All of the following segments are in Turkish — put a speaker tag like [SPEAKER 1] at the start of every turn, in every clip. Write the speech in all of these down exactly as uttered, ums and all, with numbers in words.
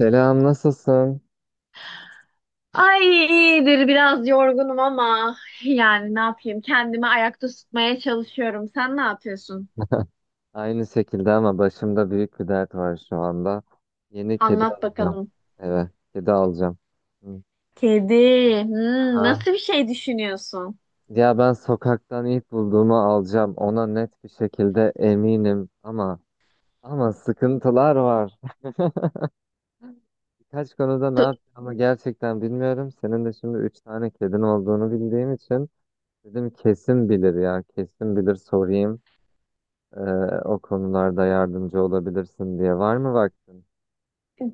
[SPEAKER 1] Selam, nasılsın?
[SPEAKER 2] Ay iyidir biraz yorgunum ama yani ne yapayım kendimi ayakta tutmaya çalışıyorum. Sen ne yapıyorsun?
[SPEAKER 1] Aynı şekilde ama başımda büyük bir dert var şu anda. Yeni kedi
[SPEAKER 2] Anlat
[SPEAKER 1] alacağım.
[SPEAKER 2] bakalım.
[SPEAKER 1] Evet, kedi alacağım. Hı.
[SPEAKER 2] Kedi. Hmm,
[SPEAKER 1] Aha.
[SPEAKER 2] nasıl bir şey düşünüyorsun?
[SPEAKER 1] Ya ben sokaktan ilk bulduğumu alacağım. Ona net bir şekilde eminim ama ama sıkıntılar var. Birkaç konuda ne yapacağımı gerçekten bilmiyorum. Senin de şimdi üç tane kedin olduğunu bildiğim için dedim kesin bilir ya, kesin bilir sorayım. Ee, O konularda yardımcı olabilirsin diye. Var mı vaktin?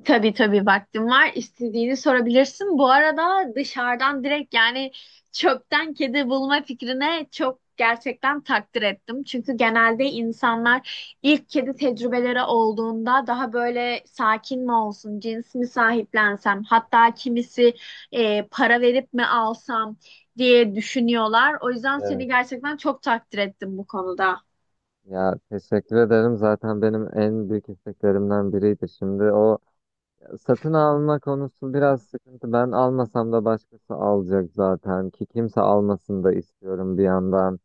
[SPEAKER 2] Tabii tabii vaktim var. İstediğini sorabilirsin. Bu arada dışarıdan direkt yani çöpten kedi bulma fikrine çok gerçekten takdir ettim. Çünkü genelde insanlar ilk kedi tecrübeleri olduğunda daha böyle sakin mi olsun, cins mi sahiplensem, hatta kimisi e, para verip mi alsam diye düşünüyorlar. O yüzden seni gerçekten çok takdir ettim bu konuda.
[SPEAKER 1] Ya teşekkür ederim. Zaten benim en büyük isteklerimden biriydi. Şimdi o satın alma konusu biraz sıkıntı. Ben almasam da başkası alacak zaten ki kimse almasın da istiyorum bir yandan.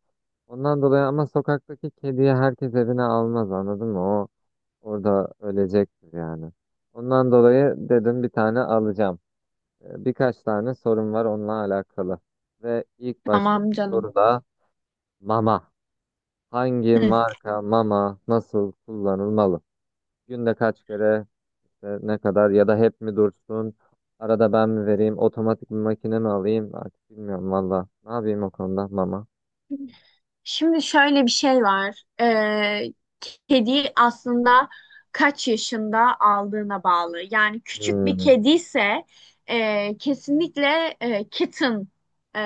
[SPEAKER 1] Ondan dolayı ama sokaktaki kediyi herkes evine almaz anladın mı? O orada ölecektir yani. Ondan dolayı dedim bir tane alacağım. Ee, Birkaç tane sorum var onunla alakalı. Ve ilk
[SPEAKER 2] Tamam
[SPEAKER 1] baştaki
[SPEAKER 2] canım.
[SPEAKER 1] soru da mama. Hangi
[SPEAKER 2] Hı.
[SPEAKER 1] marka mama nasıl kullanılmalı? Günde kaç kere işte ne kadar ya da hep mi dursun? Arada ben mi vereyim? Otomatik bir makine mi alayım? Artık bilmiyorum valla. Ne yapayım o konuda mama?
[SPEAKER 2] Şimdi şöyle bir şey var. Ee, kedi aslında kaç yaşında aldığına bağlı. Yani küçük bir
[SPEAKER 1] Hmm.
[SPEAKER 2] kedi ise e, kesinlikle e, kitten e,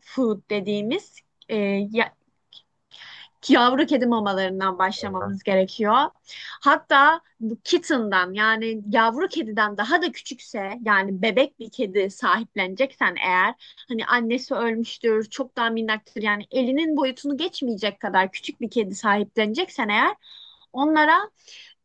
[SPEAKER 2] food dediğimiz e, ya- yavru kedi mamalarından başlamamız gerekiyor. Hatta bu kitten'dan yani yavru kediden daha da küçükse yani bebek bir kedi sahipleneceksen eğer hani annesi ölmüştür, çok daha minnaktır yani elinin boyutunu geçmeyecek kadar küçük bir kedi sahipleneceksen eğer, onlara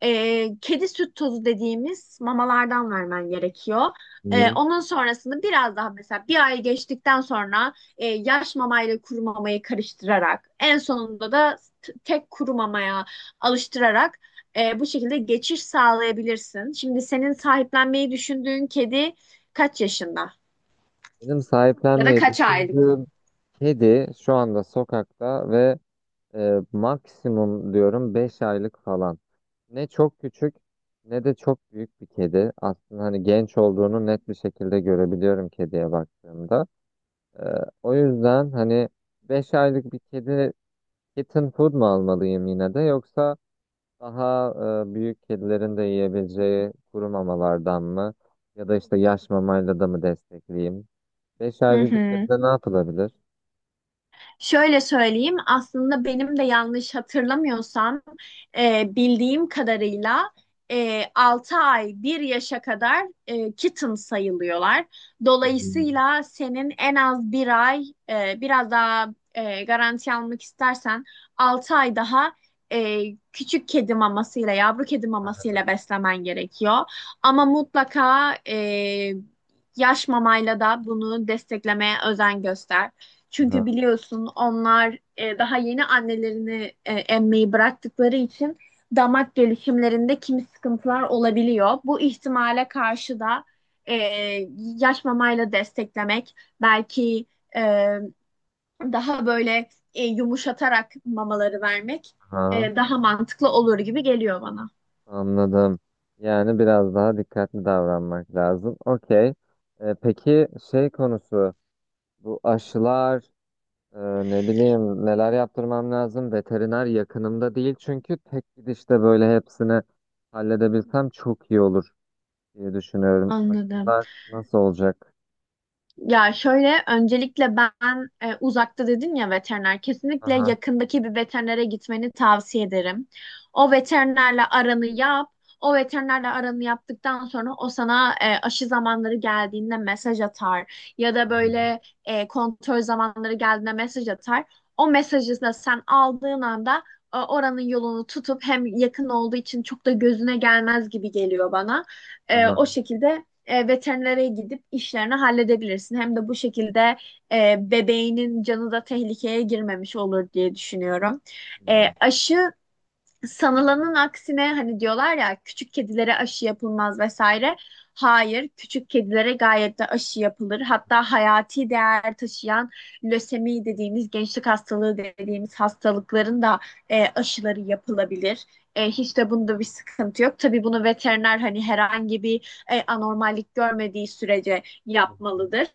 [SPEAKER 2] e, kedi süt tozu dediğimiz mamalardan vermen gerekiyor. E,
[SPEAKER 1] Hmm.
[SPEAKER 2] onun sonrasında biraz daha mesela bir ay geçtikten sonra e, yaş mamayla kuru mamayı karıştırarak en sonunda da t- tek kuru mamaya alıştırarak e, bu şekilde geçiş sağlayabilirsin. Şimdi senin sahiplenmeyi düşündüğün kedi kaç yaşında?
[SPEAKER 1] Benim
[SPEAKER 2] Ya da
[SPEAKER 1] sahiplenmeyi
[SPEAKER 2] kaç aylık?
[SPEAKER 1] düşündüğüm kedi şu anda sokakta ve e, maksimum diyorum beş aylık falan. Ne çok küçük ne de çok büyük bir kedi. Aslında hani genç olduğunu net bir şekilde görebiliyorum kediye baktığımda. E, O yüzden hani beş aylık bir kedi kitten food mu almalıyım yine de yoksa daha e, büyük kedilerin de yiyebileceği kuru mamalardan mı ya da işte yaş mamayla da mı destekleyeyim? Beş
[SPEAKER 2] Hı
[SPEAKER 1] aylık bir
[SPEAKER 2] hı.
[SPEAKER 1] kedide ne yapılabilir?
[SPEAKER 2] Şöyle söyleyeyim, aslında benim de yanlış hatırlamıyorsam e, bildiğim kadarıyla e, altı ay bir yaşa kadar e, kitten sayılıyorlar.
[SPEAKER 1] Hı hı.
[SPEAKER 2] Dolayısıyla senin en az bir ay e, biraz daha e, garanti almak istersen altı ay daha e, küçük kedi mamasıyla, yavru kedi mamasıyla beslemen gerekiyor. Ama mutlaka e, yaş mamayla da bunu desteklemeye özen göster. Çünkü
[SPEAKER 1] Aha,
[SPEAKER 2] biliyorsun onlar e, daha yeni annelerini e, emmeyi bıraktıkları için damak gelişimlerinde kimi sıkıntılar olabiliyor. Bu ihtimale karşı da e, yaş mamayla desteklemek belki e, daha böyle e, yumuşatarak mamaları vermek
[SPEAKER 1] aha,
[SPEAKER 2] e, daha mantıklı olur gibi geliyor bana.
[SPEAKER 1] anladım. Yani biraz daha dikkatli davranmak lazım. Okey. E, peki şey konusu bu aşılar. Ee, Ne bileyim neler yaptırmam lazım. Veteriner yakınımda değil çünkü tek gidişte böyle hepsini halledebilsem çok iyi olur diye düşünüyorum.
[SPEAKER 2] Anladım.
[SPEAKER 1] Aşılar nasıl olacak?
[SPEAKER 2] Ya şöyle öncelikle ben e, uzakta dedin ya veteriner kesinlikle
[SPEAKER 1] Aha,
[SPEAKER 2] yakındaki bir veterinere gitmeni tavsiye ederim. O veterinerle aranı yap. O veterinerle aranı yaptıktan sonra o sana e, aşı zamanları geldiğinde mesaj atar ya da
[SPEAKER 1] aha,
[SPEAKER 2] böyle e, kontrol zamanları geldiğinde mesaj atar. O mesajı da sen aldığın anda e, oranın yolunu tutup hem yakın olduğu için çok da gözüne gelmez gibi geliyor bana. E, o
[SPEAKER 1] aha.
[SPEAKER 2] şekilde e, veterinere gidip işlerini halledebilirsin. Hem de bu şekilde e, bebeğinin canı da tehlikeye girmemiş olur diye düşünüyorum. E,
[SPEAKER 1] Hmm.
[SPEAKER 2] aşı Sanılanın aksine hani diyorlar ya küçük kedilere aşı yapılmaz vesaire. Hayır, küçük kedilere gayet de aşı yapılır. Hatta hayati değer taşıyan lösemi dediğimiz gençlik hastalığı dediğimiz hastalıkların da e, aşıları yapılabilir. E, hiç de bunda bir sıkıntı yok. Tabii bunu veteriner hani herhangi bir e, anormallik görmediği sürece yapmalıdır.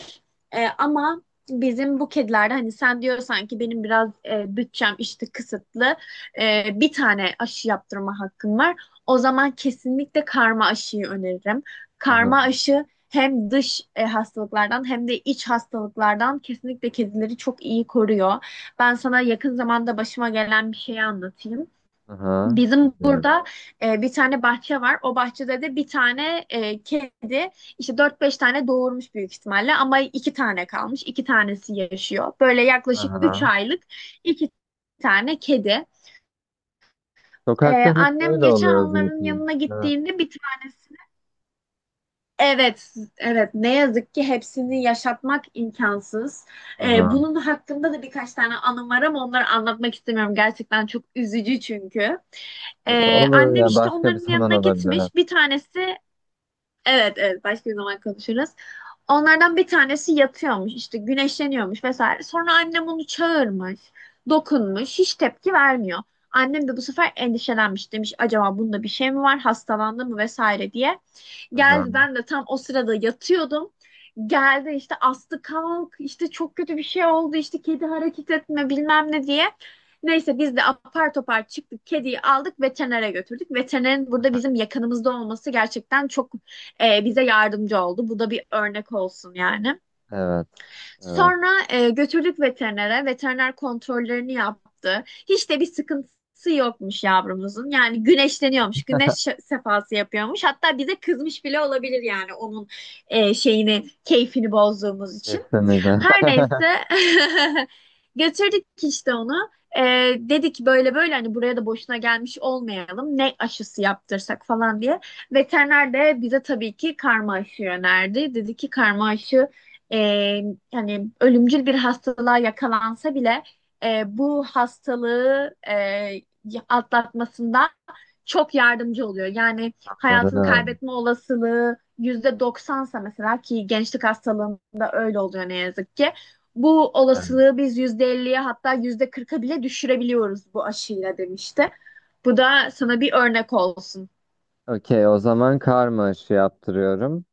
[SPEAKER 2] E, ama bizim bu kedilerde hani sen diyorsan ki benim biraz e, bütçem işte kısıtlı, e, bir tane aşı yaptırma hakkın var. O zaman kesinlikle karma aşıyı öneririm.
[SPEAKER 1] Aha,
[SPEAKER 2] Karma aşı hem dış e, hastalıklardan hem de iç hastalıklardan kesinlikle kedileri çok iyi koruyor. Ben sana yakın zamanda başıma gelen bir şeyi anlatayım.
[SPEAKER 1] aha.
[SPEAKER 2] Bizim
[SPEAKER 1] Bilmiyorum.
[SPEAKER 2] burada e, bir tane bahçe var. O bahçede de bir tane e, kedi işte dört beş tane doğurmuş büyük ihtimalle ama iki tane kalmış. İki tanesi yaşıyor. Böyle yaklaşık üç
[SPEAKER 1] Aha.
[SPEAKER 2] aylık iki tane kedi. Ee,
[SPEAKER 1] Sokakta hep
[SPEAKER 2] annem
[SPEAKER 1] böyle
[SPEAKER 2] geçen
[SPEAKER 1] oluyor
[SPEAKER 2] onların
[SPEAKER 1] zaten.
[SPEAKER 2] yanına
[SPEAKER 1] Evet.
[SPEAKER 2] gittiğinde bir tanesini evet, evet, ne yazık ki hepsini yaşatmak imkansız. Ee,
[SPEAKER 1] Aha.
[SPEAKER 2] bunun hakkında da birkaç tane anım var ama onları anlatmak istemiyorum. Gerçekten çok üzücü çünkü. Ee,
[SPEAKER 1] Olur
[SPEAKER 2] annem
[SPEAKER 1] ya
[SPEAKER 2] işte
[SPEAKER 1] başka bir
[SPEAKER 2] onların
[SPEAKER 1] zaman
[SPEAKER 2] yanına
[SPEAKER 1] olabilir.
[SPEAKER 2] gitmiş. Bir tanesi Evet, evet, başka bir zaman konuşuruz. Onlardan bir tanesi yatıyormuş işte güneşleniyormuş vesaire. Sonra annem onu çağırmış, dokunmuş, hiç tepki vermiyor. Annem de bu sefer endişelenmiş, demiş acaba bunda bir şey mi var, hastalandı mı vesaire diye. Geldi,
[SPEAKER 1] Aha.
[SPEAKER 2] ben de tam o sırada yatıyordum. Geldi işte, astı kalk işte çok kötü bir şey oldu işte kedi hareket etme bilmem ne diye. Neyse biz de apar topar çıktık, kediyi aldık, veterinere götürdük. Veterinerin burada bizim yakınımızda olması gerçekten çok e, bize yardımcı oldu. Bu da bir örnek olsun yani.
[SPEAKER 1] Evet. Evet.
[SPEAKER 2] Sonra e, götürdük veterinere. Veteriner kontrollerini yaptı. Hiç de bir sıkıntısı yokmuş yavrumuzun. Yani güneşleniyormuş. Güneş şe- sefası yapıyormuş. Hatta bize kızmış bile olabilir yani onun e, şeyini, keyfini bozduğumuz için.
[SPEAKER 1] Kesinlikle.
[SPEAKER 2] Her neyse, götürdük işte onu. E, dedi ki böyle böyle, hani buraya da boşuna gelmiş olmayalım, ne aşısı yaptırsak falan diye. Veteriner de bize tabii ki karma aşı önerdi. Dedi ki karma aşı e, yani ölümcül bir hastalığa yakalansa bile e, bu hastalığı e, atlatmasında çok yardımcı oluyor. Yani hayatını
[SPEAKER 1] Anladım.
[SPEAKER 2] kaybetme olasılığı yüzde doksansa mesela ki gençlik hastalığında öyle oluyor ne yazık ki. Bu
[SPEAKER 1] Evet.
[SPEAKER 2] olasılığı biz yüzde elliye, hatta yüzde kırka bile düşürebiliyoruz bu aşıyla demişti. Bu da sana bir örnek olsun,
[SPEAKER 1] Okey, o zaman karma aşı yaptırıyorum.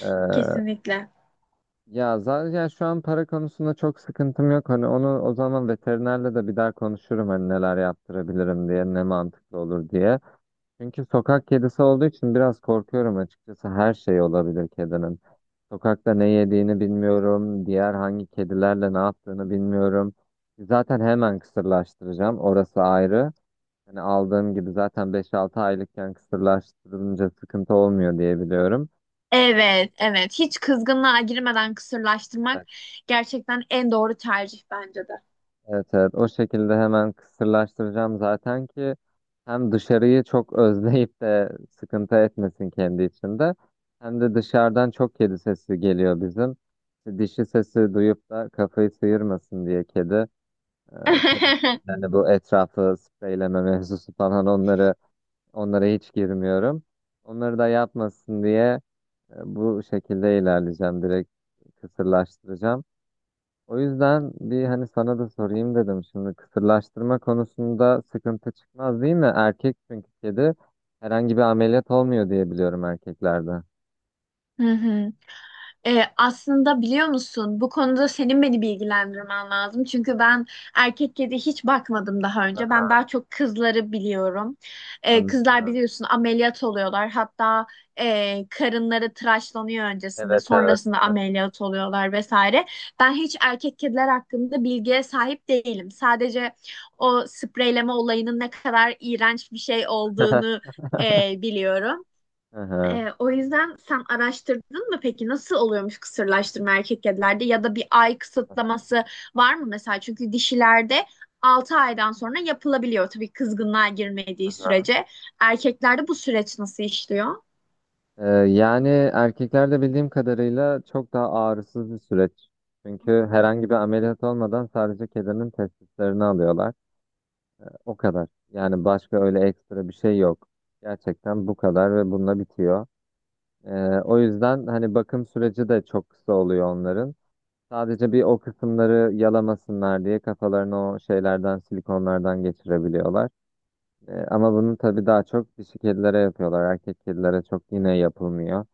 [SPEAKER 1] Ee,
[SPEAKER 2] kesinlikle.
[SPEAKER 1] Ya zaten şu an para konusunda çok sıkıntım yok. Hani onu o zaman veterinerle de bir daha konuşurum hani neler yaptırabilirim diye, ne mantıklı olur diye. Çünkü sokak kedisi olduğu için biraz korkuyorum açıkçası. Her şey olabilir kedinin. Sokakta ne yediğini bilmiyorum, diğer hangi kedilerle ne yaptığını bilmiyorum. Zaten hemen kısırlaştıracağım. Orası ayrı. Hani aldığım gibi zaten beş altı aylıkken kısırlaştırılınca sıkıntı olmuyor diye biliyorum.
[SPEAKER 2] Evet, evet. Hiç kızgınlığa girmeden kısırlaştırmak
[SPEAKER 1] Evet,
[SPEAKER 2] gerçekten en doğru tercih bence de.
[SPEAKER 1] evet, evet. O şekilde hemen kısırlaştıracağım zaten ki hem dışarıyı çok özleyip de sıkıntı etmesin kendi içinde hem de dışarıdan çok kedi sesi geliyor bizim. İşte dişi sesi duyup da kafayı sıyırmasın diye kedi. Ee, tabii yani bu etrafı spreyleme mevzusu falan onları onlara hiç girmiyorum. Onları da yapmasın diye e, bu şekilde ilerleyeceğim. Direkt kısırlaştıracağım. O yüzden bir hani sana da sorayım dedim. Şimdi kısırlaştırma konusunda sıkıntı çıkmaz değil mi? Erkek çünkü kedi herhangi bir ameliyat olmuyor diye biliyorum erkeklerde.
[SPEAKER 2] Hı hı. Ee, aslında biliyor musun, bu konuda senin beni bilgilendirmen lazım. Çünkü ben erkek kedi hiç bakmadım daha önce. Ben daha çok kızları biliyorum. Ee, kızlar
[SPEAKER 1] Anladım.
[SPEAKER 2] biliyorsun ameliyat oluyorlar. Hatta e, karınları tıraşlanıyor öncesinde,
[SPEAKER 1] Evet, evet,
[SPEAKER 2] sonrasında
[SPEAKER 1] evet.
[SPEAKER 2] ameliyat oluyorlar vesaire. Ben hiç erkek kediler hakkında bilgiye sahip değilim. Sadece o spreyleme olayının ne kadar iğrenç bir şey olduğunu e, biliyorum.
[SPEAKER 1] Hı hı.
[SPEAKER 2] Ee, o yüzden sen araştırdın mı peki, nasıl oluyormuş kısırlaştırma erkek kedilerde, ya da bir ay kısıtlaması var mı mesela? Çünkü dişilerde altı aydan sonra yapılabiliyor tabii kızgınlığa girmediği sürece. Erkeklerde bu süreç nasıl işliyor?
[SPEAKER 1] Ee, yani erkeklerde bildiğim kadarıyla çok daha ağrısız bir süreç. Çünkü herhangi bir ameliyat olmadan sadece kedinin testislerini alıyorlar. O kadar. Yani başka öyle ekstra bir şey yok. Gerçekten bu kadar ve bununla bitiyor. Ee, O yüzden hani bakım süreci de çok kısa oluyor onların. Sadece bir o kısımları yalamasınlar diye kafalarını o şeylerden, silikonlardan geçirebiliyorlar. Ee, ama bunu tabii daha çok dişi kedilere yapıyorlar. Erkek kedilere çok yine yapılmıyor.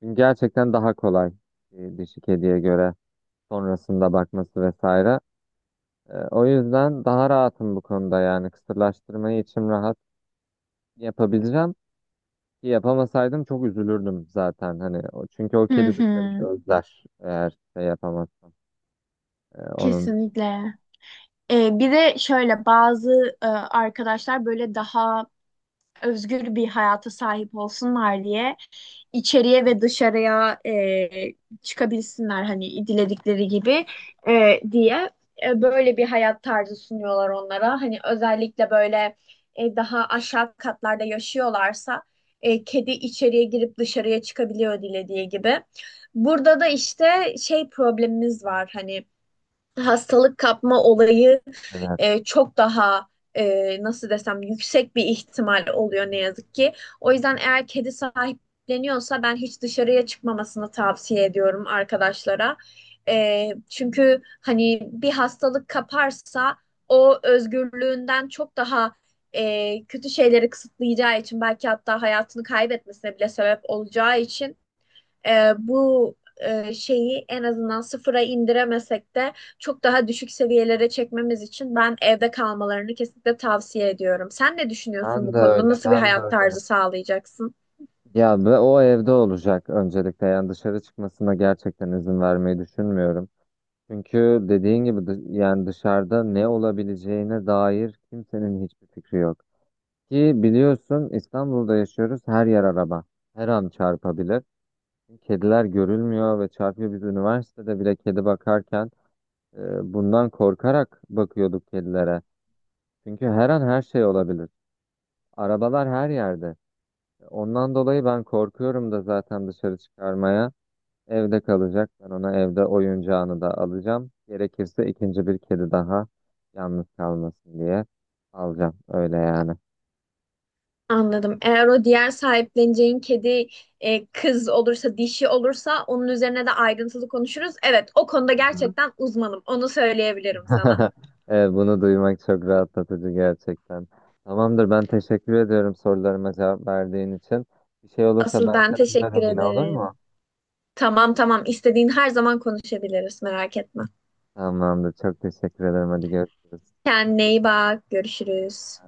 [SPEAKER 1] Çünkü gerçekten daha kolay e, dişi kediye göre sonrasında bakması vesaire. Ee, o yüzden daha rahatım bu konuda yani kısırlaştırmayı içim rahat yapabileceğim. Yapamasaydım çok üzülürdüm zaten hani o çünkü o
[SPEAKER 2] Hı
[SPEAKER 1] kedi
[SPEAKER 2] hı.
[SPEAKER 1] dışarıyı özler eğer şey yapamazsam. Ee, onun
[SPEAKER 2] Kesinlikle. Ee, bir de şöyle, bazı e, arkadaşlar böyle daha özgür bir hayata sahip olsunlar diye, içeriye ve dışarıya e, çıkabilsinler hani diledikleri gibi e, diye e, böyle bir hayat tarzı sunuyorlar onlara. Hani özellikle böyle e, daha aşağı katlarda yaşıyorlarsa e, kedi içeriye girip dışarıya çıkabiliyor dilediği gibi. Burada da işte şey problemimiz var, hani hastalık kapma olayı
[SPEAKER 1] evet,
[SPEAKER 2] e, çok daha, e, nasıl desem, yüksek bir ihtimal oluyor ne yazık ki. O yüzden eğer kedi sahipleniyorsa ben hiç dışarıya çıkmamasını tavsiye ediyorum arkadaşlara. E, çünkü hani bir hastalık kaparsa o özgürlüğünden çok daha e, kötü şeyleri kısıtlayacağı için, belki hatta hayatını kaybetmesine bile sebep olacağı için e, bu e, şeyi en azından sıfıra indiremesek de çok daha düşük seviyelere çekmemiz için ben evde kalmalarını kesinlikle tavsiye ediyorum. Sen ne düşünüyorsun
[SPEAKER 1] ben
[SPEAKER 2] bu
[SPEAKER 1] de
[SPEAKER 2] konuda?
[SPEAKER 1] öyle
[SPEAKER 2] Nasıl bir
[SPEAKER 1] ben de
[SPEAKER 2] hayat
[SPEAKER 1] öyle
[SPEAKER 2] tarzı sağlayacaksın?
[SPEAKER 1] ya, ve o evde olacak öncelikle yani dışarı çıkmasına gerçekten izin vermeyi düşünmüyorum çünkü dediğin gibi dış- yani dışarıda ne olabileceğine dair kimsenin hiçbir fikri yok ki biliyorsun İstanbul'da yaşıyoruz, her yer araba, her an çarpabilir, kediler görülmüyor ve çarpıyor. Biz üniversitede bile kedi bakarken E, bundan korkarak bakıyorduk kedilere. Çünkü her an her şey olabilir. Arabalar her yerde. Ondan dolayı ben korkuyorum da zaten dışarı çıkarmaya. Evde kalacak. Ben ona evde oyuncağını da alacağım. Gerekirse ikinci bir kedi daha yalnız kalmasın diye alacağım. Öyle yani.
[SPEAKER 2] Anladım. Eğer o diğer sahipleneceğin kedi e, kız olursa, dişi olursa onun üzerine de ayrıntılı konuşuruz. Evet, o konuda
[SPEAKER 1] Hı hı.
[SPEAKER 2] gerçekten uzmanım. Onu söyleyebilirim sana.
[SPEAKER 1] E, bunu duymak çok rahatlatıcı gerçekten. Tamamdır, ben teşekkür ediyorum sorularıma cevap verdiğin için. Bir şey olursa
[SPEAKER 2] Asıl
[SPEAKER 1] ben
[SPEAKER 2] ben
[SPEAKER 1] seni
[SPEAKER 2] teşekkür
[SPEAKER 1] ararım yine, olur
[SPEAKER 2] ederim.
[SPEAKER 1] mu?
[SPEAKER 2] Tamam tamam. İstediğin her zaman konuşabiliriz. Merak etme.
[SPEAKER 1] Tamamdır. Çok teşekkür ederim. Hadi görüşürüz.
[SPEAKER 2] Kendine iyi bak. Görüşürüz.